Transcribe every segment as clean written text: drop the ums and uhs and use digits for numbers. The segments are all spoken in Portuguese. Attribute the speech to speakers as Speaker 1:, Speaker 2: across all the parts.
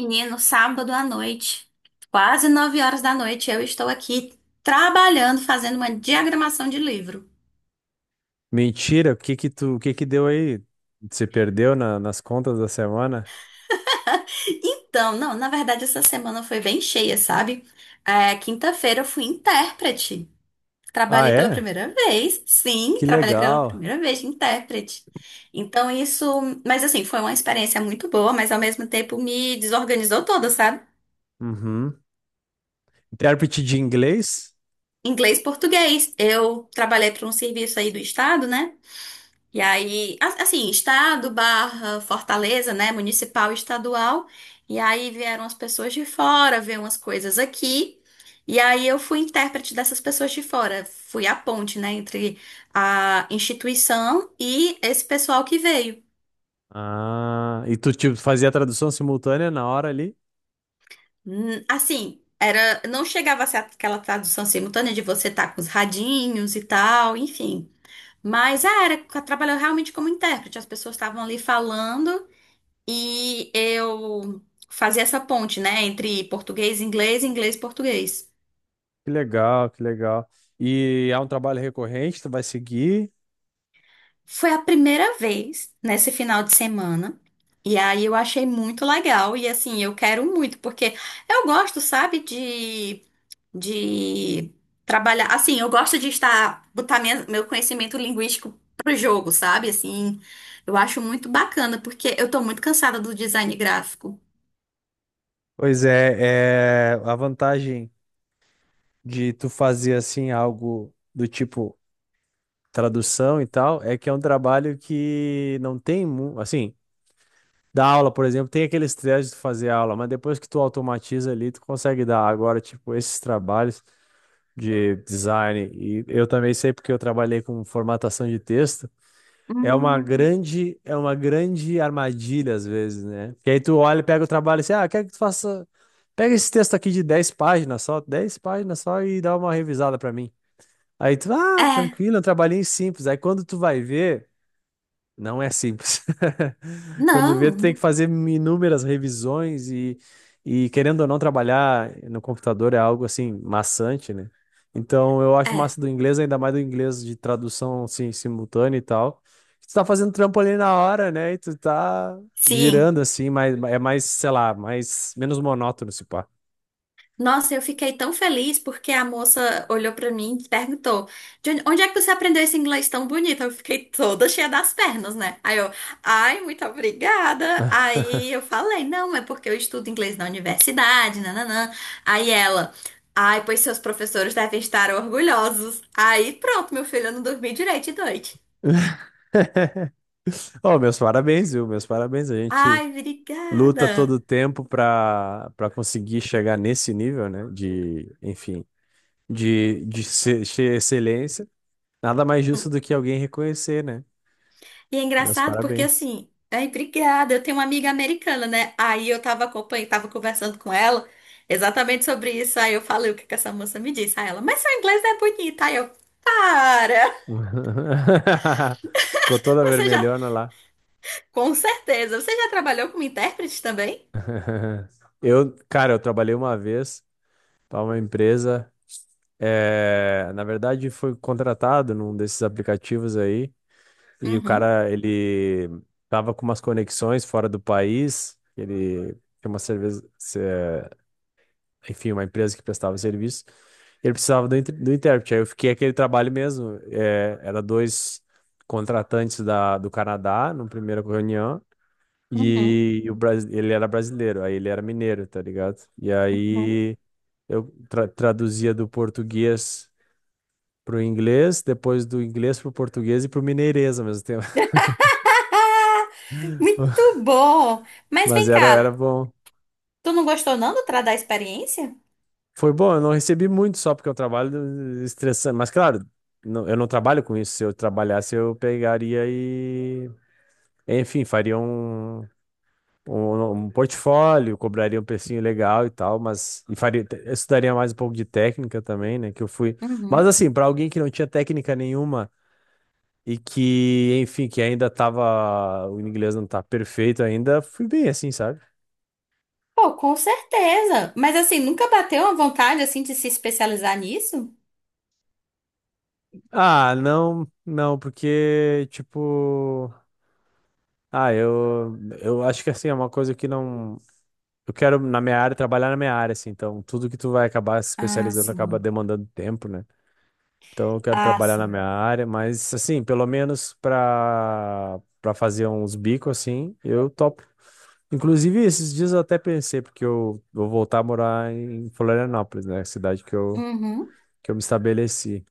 Speaker 1: Menino, sábado à noite, quase 9 horas da noite, eu estou aqui trabalhando, fazendo uma diagramação de livro.
Speaker 2: Mentira, o que que tu, o que que deu aí? Você perdeu na- nas contas da semana?
Speaker 1: Então, não, na verdade, essa semana foi bem cheia, sabe? É, quinta-feira eu fui intérprete.
Speaker 2: Ah,
Speaker 1: Trabalhei pela
Speaker 2: é?
Speaker 1: primeira vez, sim,
Speaker 2: Que
Speaker 1: trabalhei pela
Speaker 2: legal.
Speaker 1: primeira vez de intérprete. Então, isso, mas assim, foi uma experiência muito boa, mas ao mesmo tempo me desorganizou toda, sabe?
Speaker 2: Uhum. Intérprete de inglês?
Speaker 1: Inglês, português. Eu trabalhei para um serviço aí do estado, né? E aí, assim, estado barra Fortaleza, né? Municipal, estadual. E aí vieram as pessoas de fora, ver umas coisas aqui. E aí eu fui intérprete dessas pessoas de fora. Fui a ponte, né? Entre a instituição e esse pessoal que veio.
Speaker 2: Ah, e tu tipo, fazia a tradução simultânea na hora ali?
Speaker 1: Assim, era, não chegava a ser aquela tradução simultânea de você estar com os radinhos e tal, enfim. Mas é, era, trabalhou realmente como intérprete. As pessoas estavam ali falando. E eu fazia essa ponte, né, entre português e inglês, inglês e português.
Speaker 2: Que legal, que legal. E é um trabalho recorrente, tu vai seguir?
Speaker 1: Foi a primeira vez nesse final de semana. E aí eu achei muito legal e assim, eu quero muito porque eu gosto, sabe, de trabalhar, assim, eu gosto de estar botar meu conhecimento linguístico pro jogo, sabe? Assim, eu acho muito bacana porque eu tô muito cansada do design gráfico.
Speaker 2: Pois é, é a vantagem de tu fazer assim algo do tipo tradução e tal, é que é um trabalho que não tem, mu- assim, da aula, por exemplo, tem aquele estresse de tu fazer aula, mas depois que tu automatiza ali, tu consegue dar. Agora, tipo, esses trabalhos de design, e eu também sei porque eu trabalhei com formatação de texto, é uma grande armadilha às vezes, né? Que aí tu olha, e pega o trabalho e assim, ah, quero que tu faça, pega esse texto aqui de 10 páginas só e dá uma revisada pra mim. Aí tu, ah,
Speaker 1: É,
Speaker 2: tranquilo, é um trabalhinho simples. Aí quando tu vai ver não é simples. Quando vê, tu tem que
Speaker 1: não,
Speaker 2: fazer inúmeras revisões e querendo ou não trabalhar no computador é algo assim maçante, né? Então eu acho
Speaker 1: é.
Speaker 2: massa do inglês, ainda mais do inglês de tradução assim, simultânea e tal. Tu tá fazendo trampo ali na hora, né? E tu tá
Speaker 1: Sim.
Speaker 2: girando assim, mas é mais, sei lá, mais menos monótono se pá.
Speaker 1: Nossa, eu fiquei tão feliz porque a moça olhou pra mim e perguntou: "De onde é que você aprendeu esse inglês tão bonito?" Eu fiquei toda cheia das pernas, né? Aí eu, ai, muito obrigada. Aí eu falei: não, é porque eu estudo inglês na universidade, nananã. Aí ela, ai, pois seus professores devem estar orgulhosos. Aí pronto, meu filho, eu não dormi direito de noite.
Speaker 2: Oh, meus parabéns, viu? Meus parabéns. A gente
Speaker 1: Ai,
Speaker 2: luta todo
Speaker 1: obrigada.
Speaker 2: o tempo para conseguir chegar nesse nível, né? De, enfim de ser, ser excelência, nada mais justo do que alguém reconhecer, né?
Speaker 1: E é
Speaker 2: Meus
Speaker 1: engraçado porque
Speaker 2: parabéns.
Speaker 1: assim, ai, obrigada, eu tenho uma amiga americana, né? Aí eu tava acompanhando, tava conversando com ela exatamente sobre isso. Aí eu falei o que que essa moça me disse. Aí ela, mas seu inglês não é bonito. Aí eu, para!
Speaker 2: Ficou toda
Speaker 1: Você já,
Speaker 2: vermelhona lá.
Speaker 1: com certeza, você já trabalhou como intérprete também?
Speaker 2: Eu, cara, eu trabalhei uma vez para uma empresa. É, na verdade, foi contratado num desses aplicativos aí, e o
Speaker 1: Uhum,
Speaker 2: cara, ele tava com umas conexões fora do país, ele tem uma cerveja, enfim, uma empresa que prestava serviço, e ele precisava do, inter- do intérprete. Aí eu fiquei aquele trabalho mesmo. É, era dois contratantes da, do Canadá, na primeira reunião,
Speaker 1: uhum,
Speaker 2: e o, Bras- ele era brasileiro, aí ele era mineiro, tá ligado? E
Speaker 1: uhum.
Speaker 2: aí eu tra- traduzia do português pro inglês, depois do inglês pro português e pro mineirês ao mesmo tempo.
Speaker 1: Muito bom! Mas
Speaker 2: Mas
Speaker 1: vem
Speaker 2: era, era
Speaker 1: cá,
Speaker 2: bom.
Speaker 1: tu não gostou não da experiência?
Speaker 2: Foi bom, eu não recebi muito só porque eu trabalho estressante. Mas claro, não- eu não trabalho com isso. Se eu trabalhasse, eu pegaria e, enfim, faria um, um, um portfólio, cobraria um precinho legal e tal, mas e faria, eu estudaria mais um pouco de técnica também, né? Que eu fui. Mas
Speaker 1: Uhum.
Speaker 2: assim, para alguém que não tinha técnica nenhuma e que, enfim, que ainda tava. O inglês não tá perfeito ainda, fui bem assim, sabe?
Speaker 1: Pô, com certeza. Mas assim, nunca bateu a vontade assim de se especializar nisso?
Speaker 2: Ah, não, não, porque, tipo. Ah, eu acho que assim, é uma coisa que não. Eu quero, na minha área, trabalhar na minha área, assim. Então, tudo que tu vai acabar se
Speaker 1: Ah,
Speaker 2: especializando acaba
Speaker 1: sim.
Speaker 2: demandando tempo, né? Então, eu quero
Speaker 1: Ah,
Speaker 2: trabalhar na minha
Speaker 1: sim.
Speaker 2: área, mas, assim, pelo menos pra, pra fazer uns bicos, assim, eu topo. Inclusive, esses dias eu até pensei, porque eu vou voltar a morar em Florianópolis, né? Cidade
Speaker 1: Uhum,
Speaker 2: que eu me estabeleci.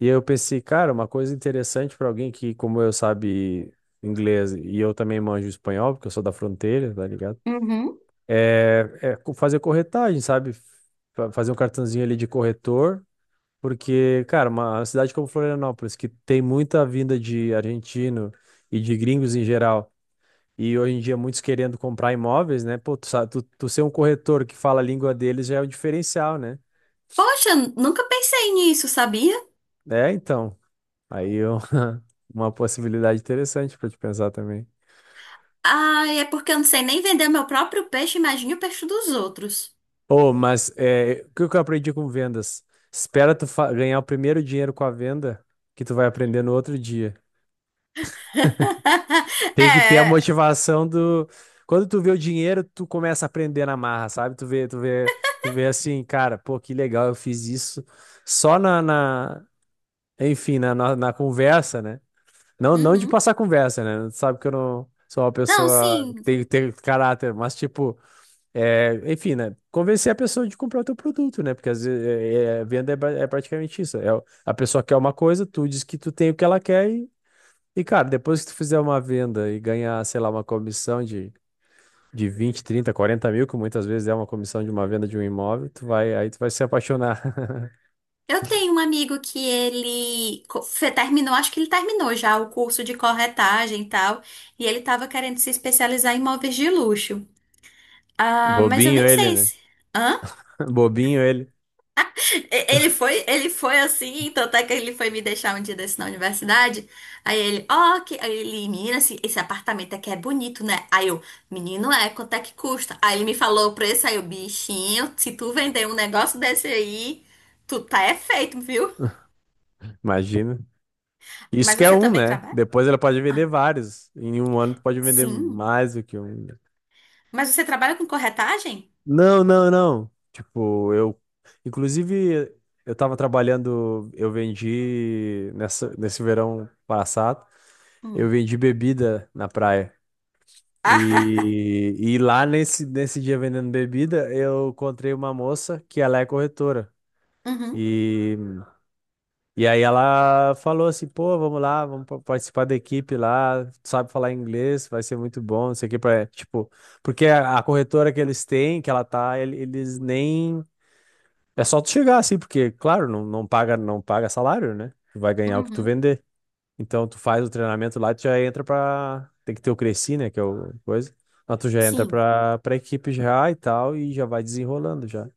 Speaker 2: E eu pensei, cara, uma coisa interessante para alguém que, como eu, sabe inglês e eu também manjo espanhol, porque eu sou da fronteira, tá ligado?
Speaker 1: uhum.
Speaker 2: É co- fazer corretagem, sabe? Fa- Fazer um cartãozinho ali de corretor, porque, cara, uma cidade como Florianópolis, que tem muita vinda de argentino e de gringos em geral, e hoje em dia muitos querendo comprar imóveis, né? Pô, tu, sa- tu, tu ser um corretor que fala a língua deles já é um diferencial, né?
Speaker 1: Poxa, nunca pensei nisso, sabia?
Speaker 2: É, então. Aí eu- uma possibilidade interessante para te pensar também.
Speaker 1: Ah, é porque eu não sei nem vender meu próprio peixe, imagine o peixe dos outros.
Speaker 2: Oh, mas é, o que que eu aprendi com vendas? Espera tu fa- ganhar o primeiro dinheiro com a venda que tu vai aprender no outro dia. Tem que ter a
Speaker 1: É.
Speaker 2: motivação do. Quando tu vê o dinheiro, tu começa a aprender na marra, sabe? Tu vê, tu vê, tu vê assim, cara, pô, que legal, eu fiz isso só na, na- enfim, na, na, na conversa, né? Não, não de
Speaker 1: Uhum.
Speaker 2: passar conversa, né? Tu sabe que eu não sou uma
Speaker 1: Não,
Speaker 2: pessoa que
Speaker 1: sim.
Speaker 2: tem ter caráter, mas tipo. É, enfim, né? Convencer a pessoa de comprar o teu produto, né? Porque às vezes é, é- a venda é, ba- é praticamente isso. É, o- a pessoa quer uma coisa, tu diz que tu tem o que ela quer e, cara, depois que tu fizer uma venda e ganhar, sei lá, uma comissão de vinte trinta quarenta mil, que muitas vezes é uma comissão de uma venda de um imóvel, tu vai, aí tu vai se apaixonar.
Speaker 1: Eu tenho um amigo que ele terminou, acho que ele terminou já o curso de corretagem e tal, e ele tava querendo se especializar em imóveis de luxo. Ah, mas eu
Speaker 2: Bobinho
Speaker 1: nem
Speaker 2: ele,
Speaker 1: sei
Speaker 2: né?
Speaker 1: se. Hã?
Speaker 2: Bobinho ele.
Speaker 1: Ele foi assim, tanto é que ele foi me deixar um dia desse na universidade. Aí ele, ó, que aí ele, menina, esse apartamento aqui é bonito, né? Aí eu, menino, é, quanto é que custa? Aí ele me falou o preço, aí eu, bichinho, se tu vender um negócio desse aí, tu tá é feito, viu?
Speaker 2: Imagina. Isso
Speaker 1: Mas
Speaker 2: que é
Speaker 1: você
Speaker 2: um,
Speaker 1: também
Speaker 2: né?
Speaker 1: trabalha?
Speaker 2: Depois ela pode vender
Speaker 1: Ah,
Speaker 2: vários. Em um ano tu pode vender
Speaker 1: sim.
Speaker 2: mais do que um.
Speaker 1: Mas você trabalha com corretagem?
Speaker 2: Não, não, não. Tipo, eu. Inclusive, eu tava trabalhando, eu vendi nessa, nesse verão passado, eu
Speaker 1: Hum.
Speaker 2: vendi bebida na praia.
Speaker 1: Ah,
Speaker 2: E lá nesse, nesse dia vendendo bebida, eu encontrei uma moça que ela é corretora.
Speaker 1: uhum,
Speaker 2: E aí ela falou assim, pô, vamos lá, vamos pa- participar da equipe lá, tu sabe falar inglês, vai ser muito bom, não sei o que, pra, tipo, porque a corretora que eles têm, que ela tá, ele- eles nem, é só tu chegar assim, porque, claro, não, não paga, não paga salário, né? Tu vai ganhar o que tu
Speaker 1: uhum,
Speaker 2: vender. Então, tu faz o treinamento lá, tu já entra pra, tem que ter o Cresci, né, que é o coisa, mas tu já entra
Speaker 1: sim.
Speaker 2: pra, pra equipe já e tal, e já vai desenrolando já.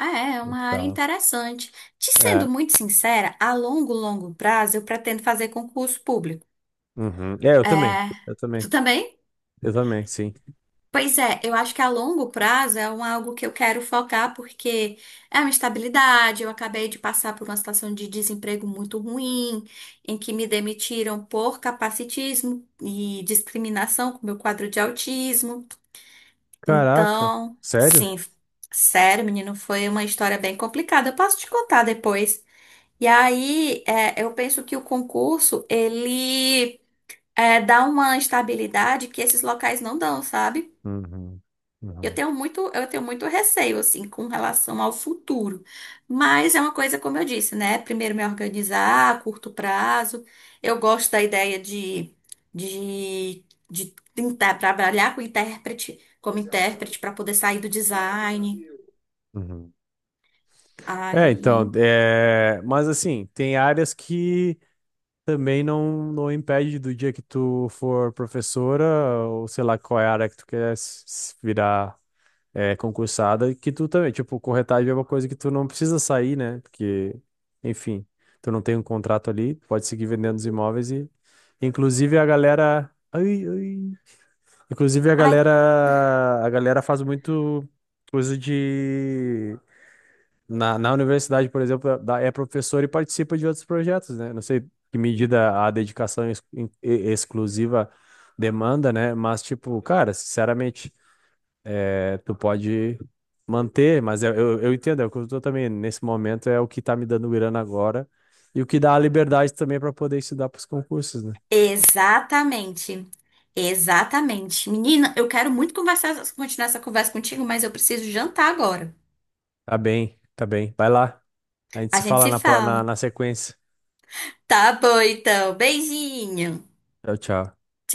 Speaker 1: É, é uma área
Speaker 2: Tá.
Speaker 1: interessante. Te
Speaker 2: É,
Speaker 1: sendo muito sincera, a longo, longo prazo eu pretendo fazer concurso público.
Speaker 2: uhum. É,
Speaker 1: É,
Speaker 2: eu também,
Speaker 1: tu também?
Speaker 2: eu também, sim.
Speaker 1: Pois é, eu acho que a longo prazo é um, algo que eu quero focar porque é uma estabilidade. Eu acabei de passar por uma situação de desemprego muito ruim, em que me demitiram por capacitismo e discriminação com meu quadro de autismo.
Speaker 2: Caraca,
Speaker 1: Então,
Speaker 2: sério?
Speaker 1: sim, sério, menino, foi uma história bem complicada. Eu posso te contar depois. E aí, é, eu penso que o concurso, ele é, dá uma estabilidade que esses locais não dão, sabe?
Speaker 2: Uhum, uhum,
Speaker 1: Eu tenho muito receio, assim, com relação ao futuro. Mas é uma coisa, como eu disse, né? Primeiro me organizar a curto prazo. Eu gosto da ideia de, de tentar trabalhar com intérprete, como intérprete, para poder sair do design.
Speaker 2: uhum. É, então,
Speaker 1: Aí.
Speaker 2: é... mas assim, tem áreas que também não, não impede do dia que tu for professora, ou sei lá qual é a área que tu quer s- s- virar é, concursada, que tu também, tipo, corretagem é uma coisa que tu não precisa sair, né? Porque, enfim, tu não tem um contrato ali, pode seguir vendendo os imóveis e, inclusive, a galera. Ai, ai, inclusive
Speaker 1: Ai,
Speaker 2: a galera faz muito coisa de na, na universidade, por exemplo, da- é professor e participa de outros projetos, né? Não sei que medida a dedicação ex- in- e- exclusiva demanda, né? Mas tipo, cara, sinceramente, é, tu pode manter, mas eu entendo, é o que eu tô também nesse momento é o que tá me dando grana agora e o que dá a liberdade também para poder estudar para os concursos, né?
Speaker 1: exatamente. Exatamente. Menina, eu quero muito conversar, continuar essa conversa contigo, mas eu preciso jantar agora.
Speaker 2: Tá bem, tá bem. Vai lá. A gente
Speaker 1: A
Speaker 2: se
Speaker 1: gente
Speaker 2: fala
Speaker 1: se
Speaker 2: na, pro- na,
Speaker 1: fala.
Speaker 2: na sequência.
Speaker 1: Tá bom, então. Beijinho.
Speaker 2: Tchau, tchau.
Speaker 1: Tchau.